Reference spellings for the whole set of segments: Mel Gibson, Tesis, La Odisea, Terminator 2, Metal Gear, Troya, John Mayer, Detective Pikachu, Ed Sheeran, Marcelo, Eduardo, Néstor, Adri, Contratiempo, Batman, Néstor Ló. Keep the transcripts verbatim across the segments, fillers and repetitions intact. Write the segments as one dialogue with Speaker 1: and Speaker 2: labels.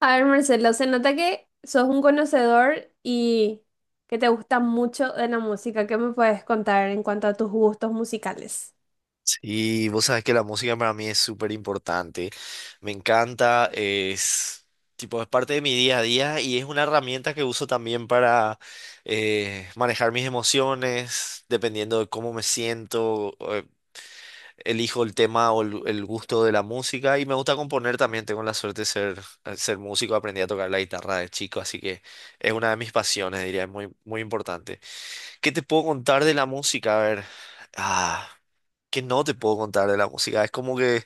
Speaker 1: A ver, Marcelo, se nota que sos un conocedor y que te gusta mucho de la música. ¿Qué me puedes contar en cuanto a tus gustos musicales?
Speaker 2: Sí, vos sabés que la música para mí es súper importante. Me encanta, es tipo, es parte de mi día a día y es una herramienta que uso también para eh, manejar mis emociones, dependiendo de cómo me siento, eh, elijo el tema o el, el gusto de la música y me gusta componer también. Tengo la suerte de ser, eh, ser músico, aprendí a tocar la guitarra de chico, así que es una de mis pasiones, diría, es muy, muy importante. ¿Qué te puedo contar de la música? A ver, ah que no te puedo contar de la música. Es como que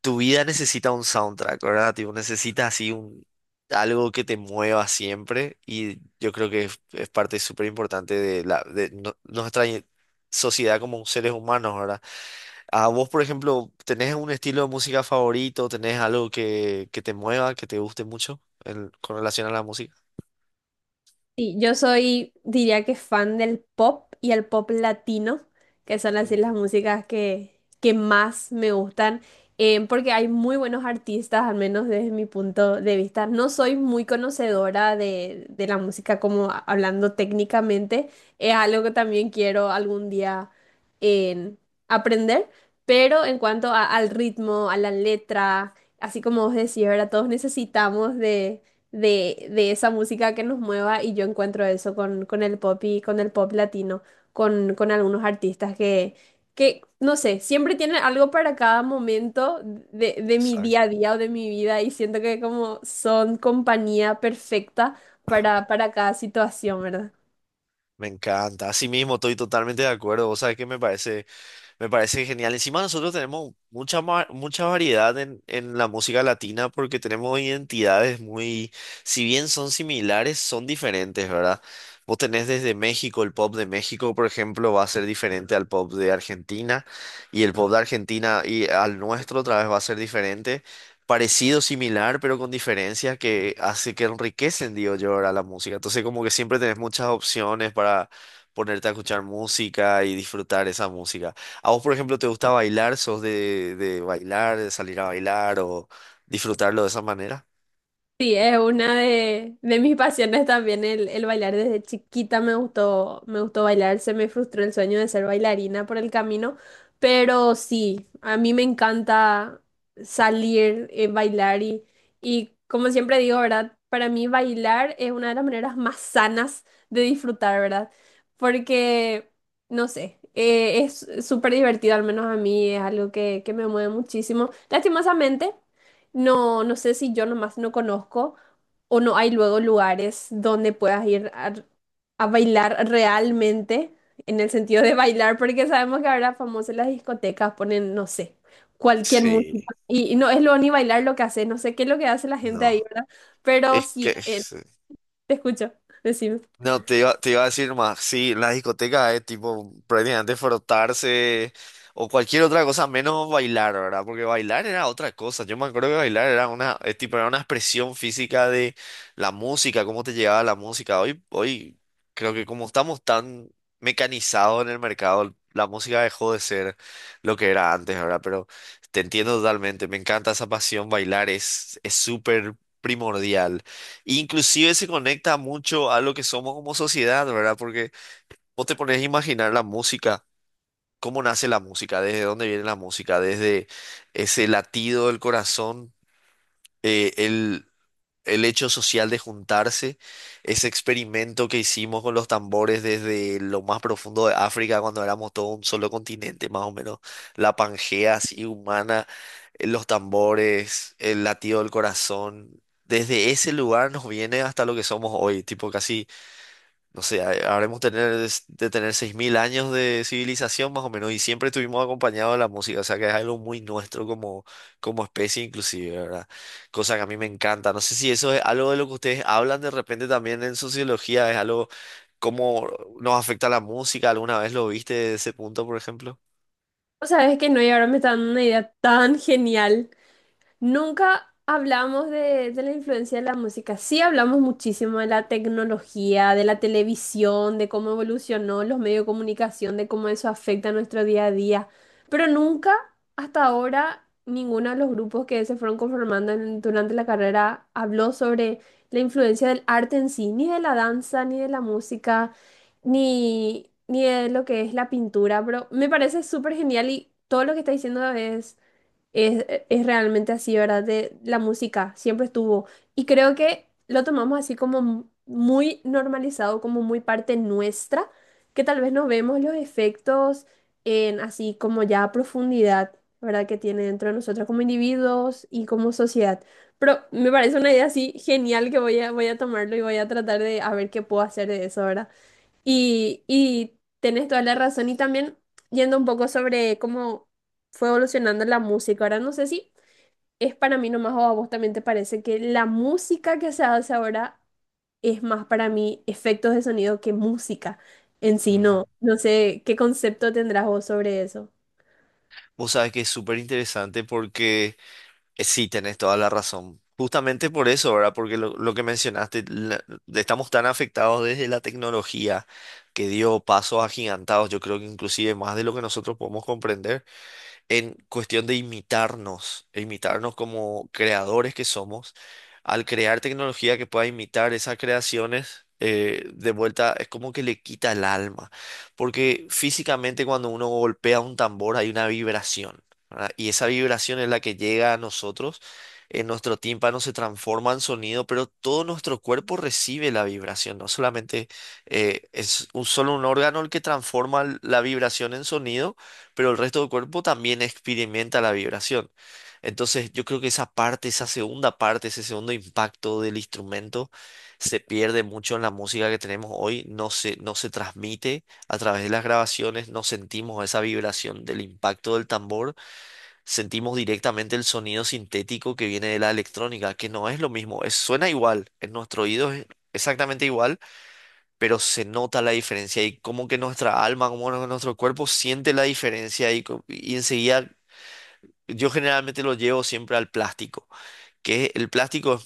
Speaker 2: tu vida necesita un soundtrack, ¿verdad? Tipo, necesitas así un, algo que te mueva siempre y yo creo que es, es parte súper importante de, la, de no- nuestra i- sociedad como seres humanos, ¿verdad? A vos, por ejemplo, ¿tenés un estilo de música favorito? ¿Tenés algo que, que te mueva, que te guste mucho en- con relación a la música?
Speaker 1: Sí, yo soy, diría que fan del pop y el pop latino, que son así las
Speaker 2: Ujú.
Speaker 1: músicas que, que más me gustan, eh, porque hay muy buenos artistas, al menos desde mi punto de vista. No soy muy conocedora de, de la música como a- hablando técnicamente, es algo que también quiero algún día en aprender, pero en cuanto a- al ritmo, a la letra, así como vos decís, ahora todos necesitamos de de, de esa música que nos mueva, y yo encuentro eso con, con el pop y con el pop latino, con, con algunos artistas que, que, no sé, siempre tienen algo para cada momento de, de mi día a
Speaker 2: Exacto.
Speaker 1: día o de mi vida, y siento que como son compañía perfecta para, para cada situación, ¿verdad?
Speaker 2: Me encanta. Así mismo, estoy totalmente de acuerdo. Vos sabés que me parece. Me parece genial. Encima nosotros tenemos mucha, ma- mucha variedad en, en la música latina porque tenemos identidades muy, si bien son similares, son diferentes, ¿verdad? Vos tenés desde México, el pop de México, por ejemplo, va a ser diferente al pop de Argentina y el pop de Argentina y al nuestro otra vez va a ser diferente. Parecido, similar, pero con diferencias que hace que enriquecen, digo yo, ahora la música. Entonces, como que siempre tenés muchas opciones para ponerte a escuchar música y disfrutar esa música. ¿A vos, por ejemplo, te gusta bailar? ¿Sos de, de bailar, de salir a bailar o disfrutarlo de esa manera?
Speaker 1: Sí, es una de, de mis pasiones también el, el bailar. Desde chiquita me gustó, me gustó bailar. Se me frustró el sueño de ser bailarina por el camino, pero sí, a mí me encanta salir, eh, bailar y, y como siempre digo, ¿verdad? Para mí bailar es una de las maneras más sanas de disfrutar, ¿verdad? Porque, no sé, eh, es súper divertido, al menos a mí es algo que, que me mueve muchísimo. Lastimosamente. No, no sé si yo nomás no conozco o no hay luego lugares donde puedas ir a, a bailar realmente, en el sentido de bailar, porque sabemos que ahora famosas las discotecas ponen, no sé, cualquier
Speaker 2: Sí.
Speaker 1: música. Y, y no es lo ni bailar lo que hace, no sé qué es lo que hace la gente ahí,
Speaker 2: No.
Speaker 1: ¿verdad? Pero
Speaker 2: Es
Speaker 1: sí,
Speaker 2: que...
Speaker 1: eh, te escucho, decime.
Speaker 2: No, te iba, te iba a decir más, sí, la discoteca es tipo prácticamente frotarse o cualquier otra cosa menos bailar, ¿verdad? Porque bailar era otra cosa. Yo me acuerdo que bailar era una, es tipo, era una expresión física de la música, cómo te llegaba la música. Hoy, hoy creo que como estamos tan mecanizados en el mercado, la música dejó de ser lo que era antes, ¿verdad? Pero te entiendo totalmente, me encanta esa pasión, bailar es, es súper primordial. Inclusive se conecta mucho a lo que somos como sociedad, ¿verdad? Porque vos te pones a imaginar la música, cómo nace la música, desde dónde viene la música, desde ese latido del corazón, eh, el, el hecho social de juntarse, ese experimento que hicimos con los tambores desde lo más profundo de África, cuando éramos todo un solo continente, más o menos, la Pangea así humana, eh, los tambores, el latido del corazón, desde ese lugar nos viene hasta lo que somos hoy, tipo casi no sé, ha- habremos tener, de tener seis mil años de civilización más o menos y siempre estuvimos acompañados de la música, o sea que es algo muy nuestro como, como especie inclusive, ¿verdad? Cosa que a mí me encanta. No sé si eso es algo de lo que ustedes hablan de repente también en sociología, es algo cómo nos afecta la música, ¿alguna vez lo viste desde ese punto, por ejemplo?
Speaker 1: O sabes que no, y ahora me está dando una idea tan genial. Nunca hablamos de, de la influencia de la música. Sí hablamos muchísimo de la tecnología, de la televisión, de cómo evolucionó los medios de comunicación, de cómo eso afecta a nuestro día a día. Pero nunca, hasta ahora, ninguno de los grupos que se fueron conformando en- durante la carrera habló sobre la influencia del arte en sí, ni de la danza, ni de la música, ni, ni de lo que es la pintura. Pero me parece súper genial, y todo lo que está diciendo es es, es realmente así, ¿verdad? De la música siempre estuvo. Y creo que lo tomamos así como mu- muy normalizado, como muy parte nuestra, que tal vez no vemos los efectos en así como ya a profundidad, ¿verdad? Que tiene dentro de nosotros como individuos y como sociedad. Pero me parece una idea así genial que voy a, voy a tomarlo, y voy a tratar de a ver qué puedo hacer de eso, ¿verdad? Y, y tenés toda la razón. Y también yendo un poco sobre cómo fue evolucionando la música. Ahora no sé si es para mí nomás, o a vos también te parece que la música que se hace ahora es más para mí efectos de sonido que música en sí.
Speaker 2: Ujú.
Speaker 1: No, no sé qué concepto tendrás vos sobre eso.
Speaker 2: Vos sabés que es súper interesante porque... Eh, Sí, tenés toda la razón. Justamente por eso, ¿verdad? Porque lo, lo que mencionaste, la- estamos tan afectados desde la tecnología que dio pasos agigantados, yo creo que inclusive más de lo que nosotros podemos comprender en cuestión de imitarnos, e imitarnos como creadores que somos, al crear tecnología que pueda imitar esas creaciones, eh, de vuelta es como que le quita el alma, porque físicamente cuando uno golpea un tambor hay una vibración, ¿verdad? Y esa vibración es la que llega a nosotros. En nuestro tímpano se transforma en sonido, pero todo nuestro cuerpo recibe la vibración, no solamente eh, es un, solo un órgano el que transforma la vibración en sonido, pero el resto del cuerpo también experimenta la vibración. Entonces, yo creo que esa parte, esa segunda parte, ese segundo impacto del instrumento se pierde mucho en la música que tenemos hoy, no se, no se transmite a través de las grabaciones, no sentimos esa vibración del impacto del tambor, sentimos directamente el sonido sintético que viene de la electrónica, que no es lo mismo, es- suena igual, en nuestro oído es exactamente igual pero se nota la diferencia y como que nuestra alma, como nu- nuestro cuerpo siente la diferencia y, co- y enseguida yo generalmente lo llevo siempre al plástico, que el plástico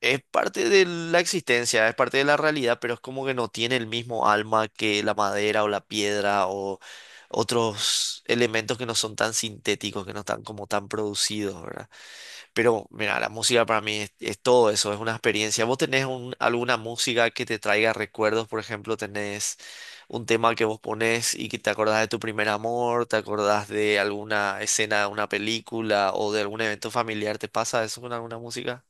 Speaker 2: es parte de la existencia, es parte de la realidad, pero es como que no tiene el mismo alma que la madera o la piedra o otros elementos que no son tan sintéticos, que no están como tan producidos, ¿verdad? Pero mira, la música para mí es, es todo eso, es una experiencia. ¿Vos tenés un- alguna música que te traiga recuerdos? Por ejemplo, tenés un tema que vos ponés y que te acordás de tu primer amor, te acordás de alguna escena de una película o de algún evento familiar. ¿Te pasa eso con alguna música?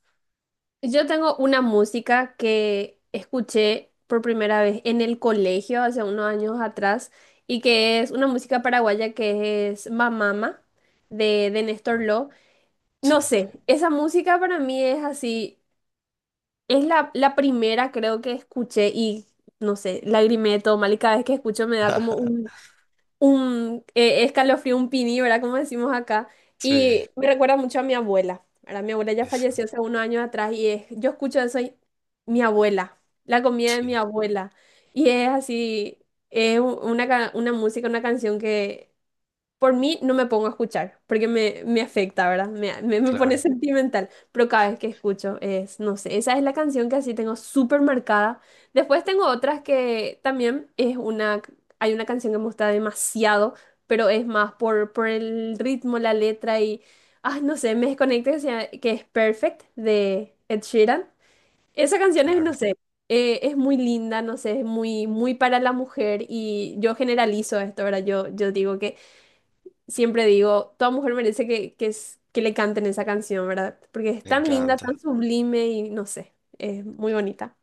Speaker 1: Yo tengo una música que escuché por primera vez en el colegio hace unos años atrás, y que es una música paraguaya que es Mamama de, de Néstor
Speaker 2: Ah,
Speaker 1: Ló.
Speaker 2: sí,
Speaker 1: No sé, esa música para mí es así, es la, la primera creo que escuché, y no sé, lagrimé de todo mal, y cada vez que escucho me da como un un eh, escalofrío, un pini, ¿verdad? Como decimos acá.
Speaker 2: sí,
Speaker 1: Y me recuerda mucho a mi abuela, ¿verdad? Mi abuela ya
Speaker 2: esa,
Speaker 1: falleció hace unos años atrás, y es, yo escucho eso y mi abuela, la comida de mi
Speaker 2: sí,
Speaker 1: abuela. Y es así, es u- una, ca- una música, una canción que por mí no me pongo a escuchar, porque me, me afecta, ¿verdad? Me, me, me pone
Speaker 2: claro,
Speaker 1: sentimental. Pero cada vez que escucho es, no sé, esa es la canción que así tengo súper marcada. Después tengo otras que también es una, hay una canción que me gusta demasiado, pero es más por, por el ritmo, la letra y, ah, no sé, me desconecta que, sea- que es Perfect de Ed Sheeran. Esa canción es, no
Speaker 2: claro,
Speaker 1: sé, eh, es muy linda, no sé, es muy, muy para la mujer, y yo generalizo esto, ¿verdad? Yo, yo digo que siempre digo, toda mujer merece que, que, es- que le canten esa canción, ¿verdad? Porque es
Speaker 2: me
Speaker 1: tan Sí. linda, tan
Speaker 2: encanta.
Speaker 1: sublime, y no sé, es muy bonita.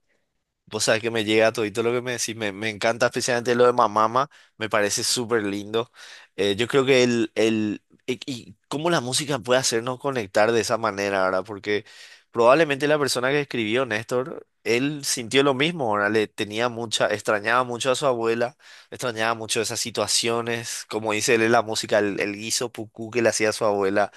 Speaker 2: Vos sabés que me llega todito lo que me decís, me, me encanta especialmente lo de Mamama, me parece súper lindo. Eh, yo creo que el, el, y, y cómo la música puede hacernos conectar de esa manera, ¿verdad? Porque probablemente la persona que escribió, Néstor, él sintió lo mismo, ¿verdad? Le tenía mucha, extrañaba mucho a su abuela, extrañaba mucho esas situaciones, como dice él en la música, el, el guiso pucú que le hacía a su abuela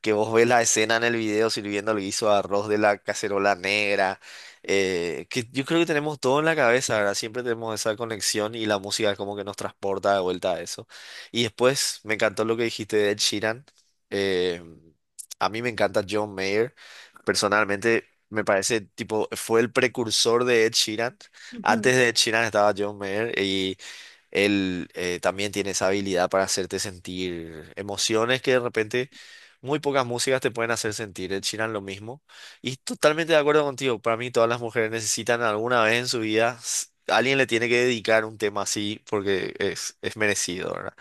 Speaker 2: que vos ves la escena en el video sirviendo el guiso de arroz de la cacerola negra, eh, que yo creo que tenemos todo en la cabeza, ¿verdad? Siempre tenemos esa conexión y la música es como que nos transporta de vuelta a eso. Y después me encantó lo que dijiste de Ed Sheeran. eh, a mí me encanta John Mayer. Personalmente me parece, tipo, fue el precursor de Ed Sheeran.
Speaker 1: Ujú.
Speaker 2: Antes de Ed Sheeran estaba John Mayer y él eh, también tiene esa habilidad para hacerte sentir emociones que de repente muy pocas músicas te pueden hacer sentir. Ed Sheeran lo mismo. Y totalmente de acuerdo contigo. Para mí todas las mujeres necesitan alguna vez en su vida, s- alguien le tiene que dedicar un tema así porque es, es merecido, ¿verdad?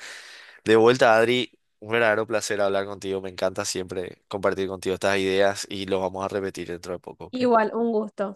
Speaker 2: De vuelta, Adri, un verdadero placer hablar contigo. Me encanta siempre compartir contigo estas ideas y lo vamos a repetir dentro de poco, ¿ok?
Speaker 1: Igual, un gusto.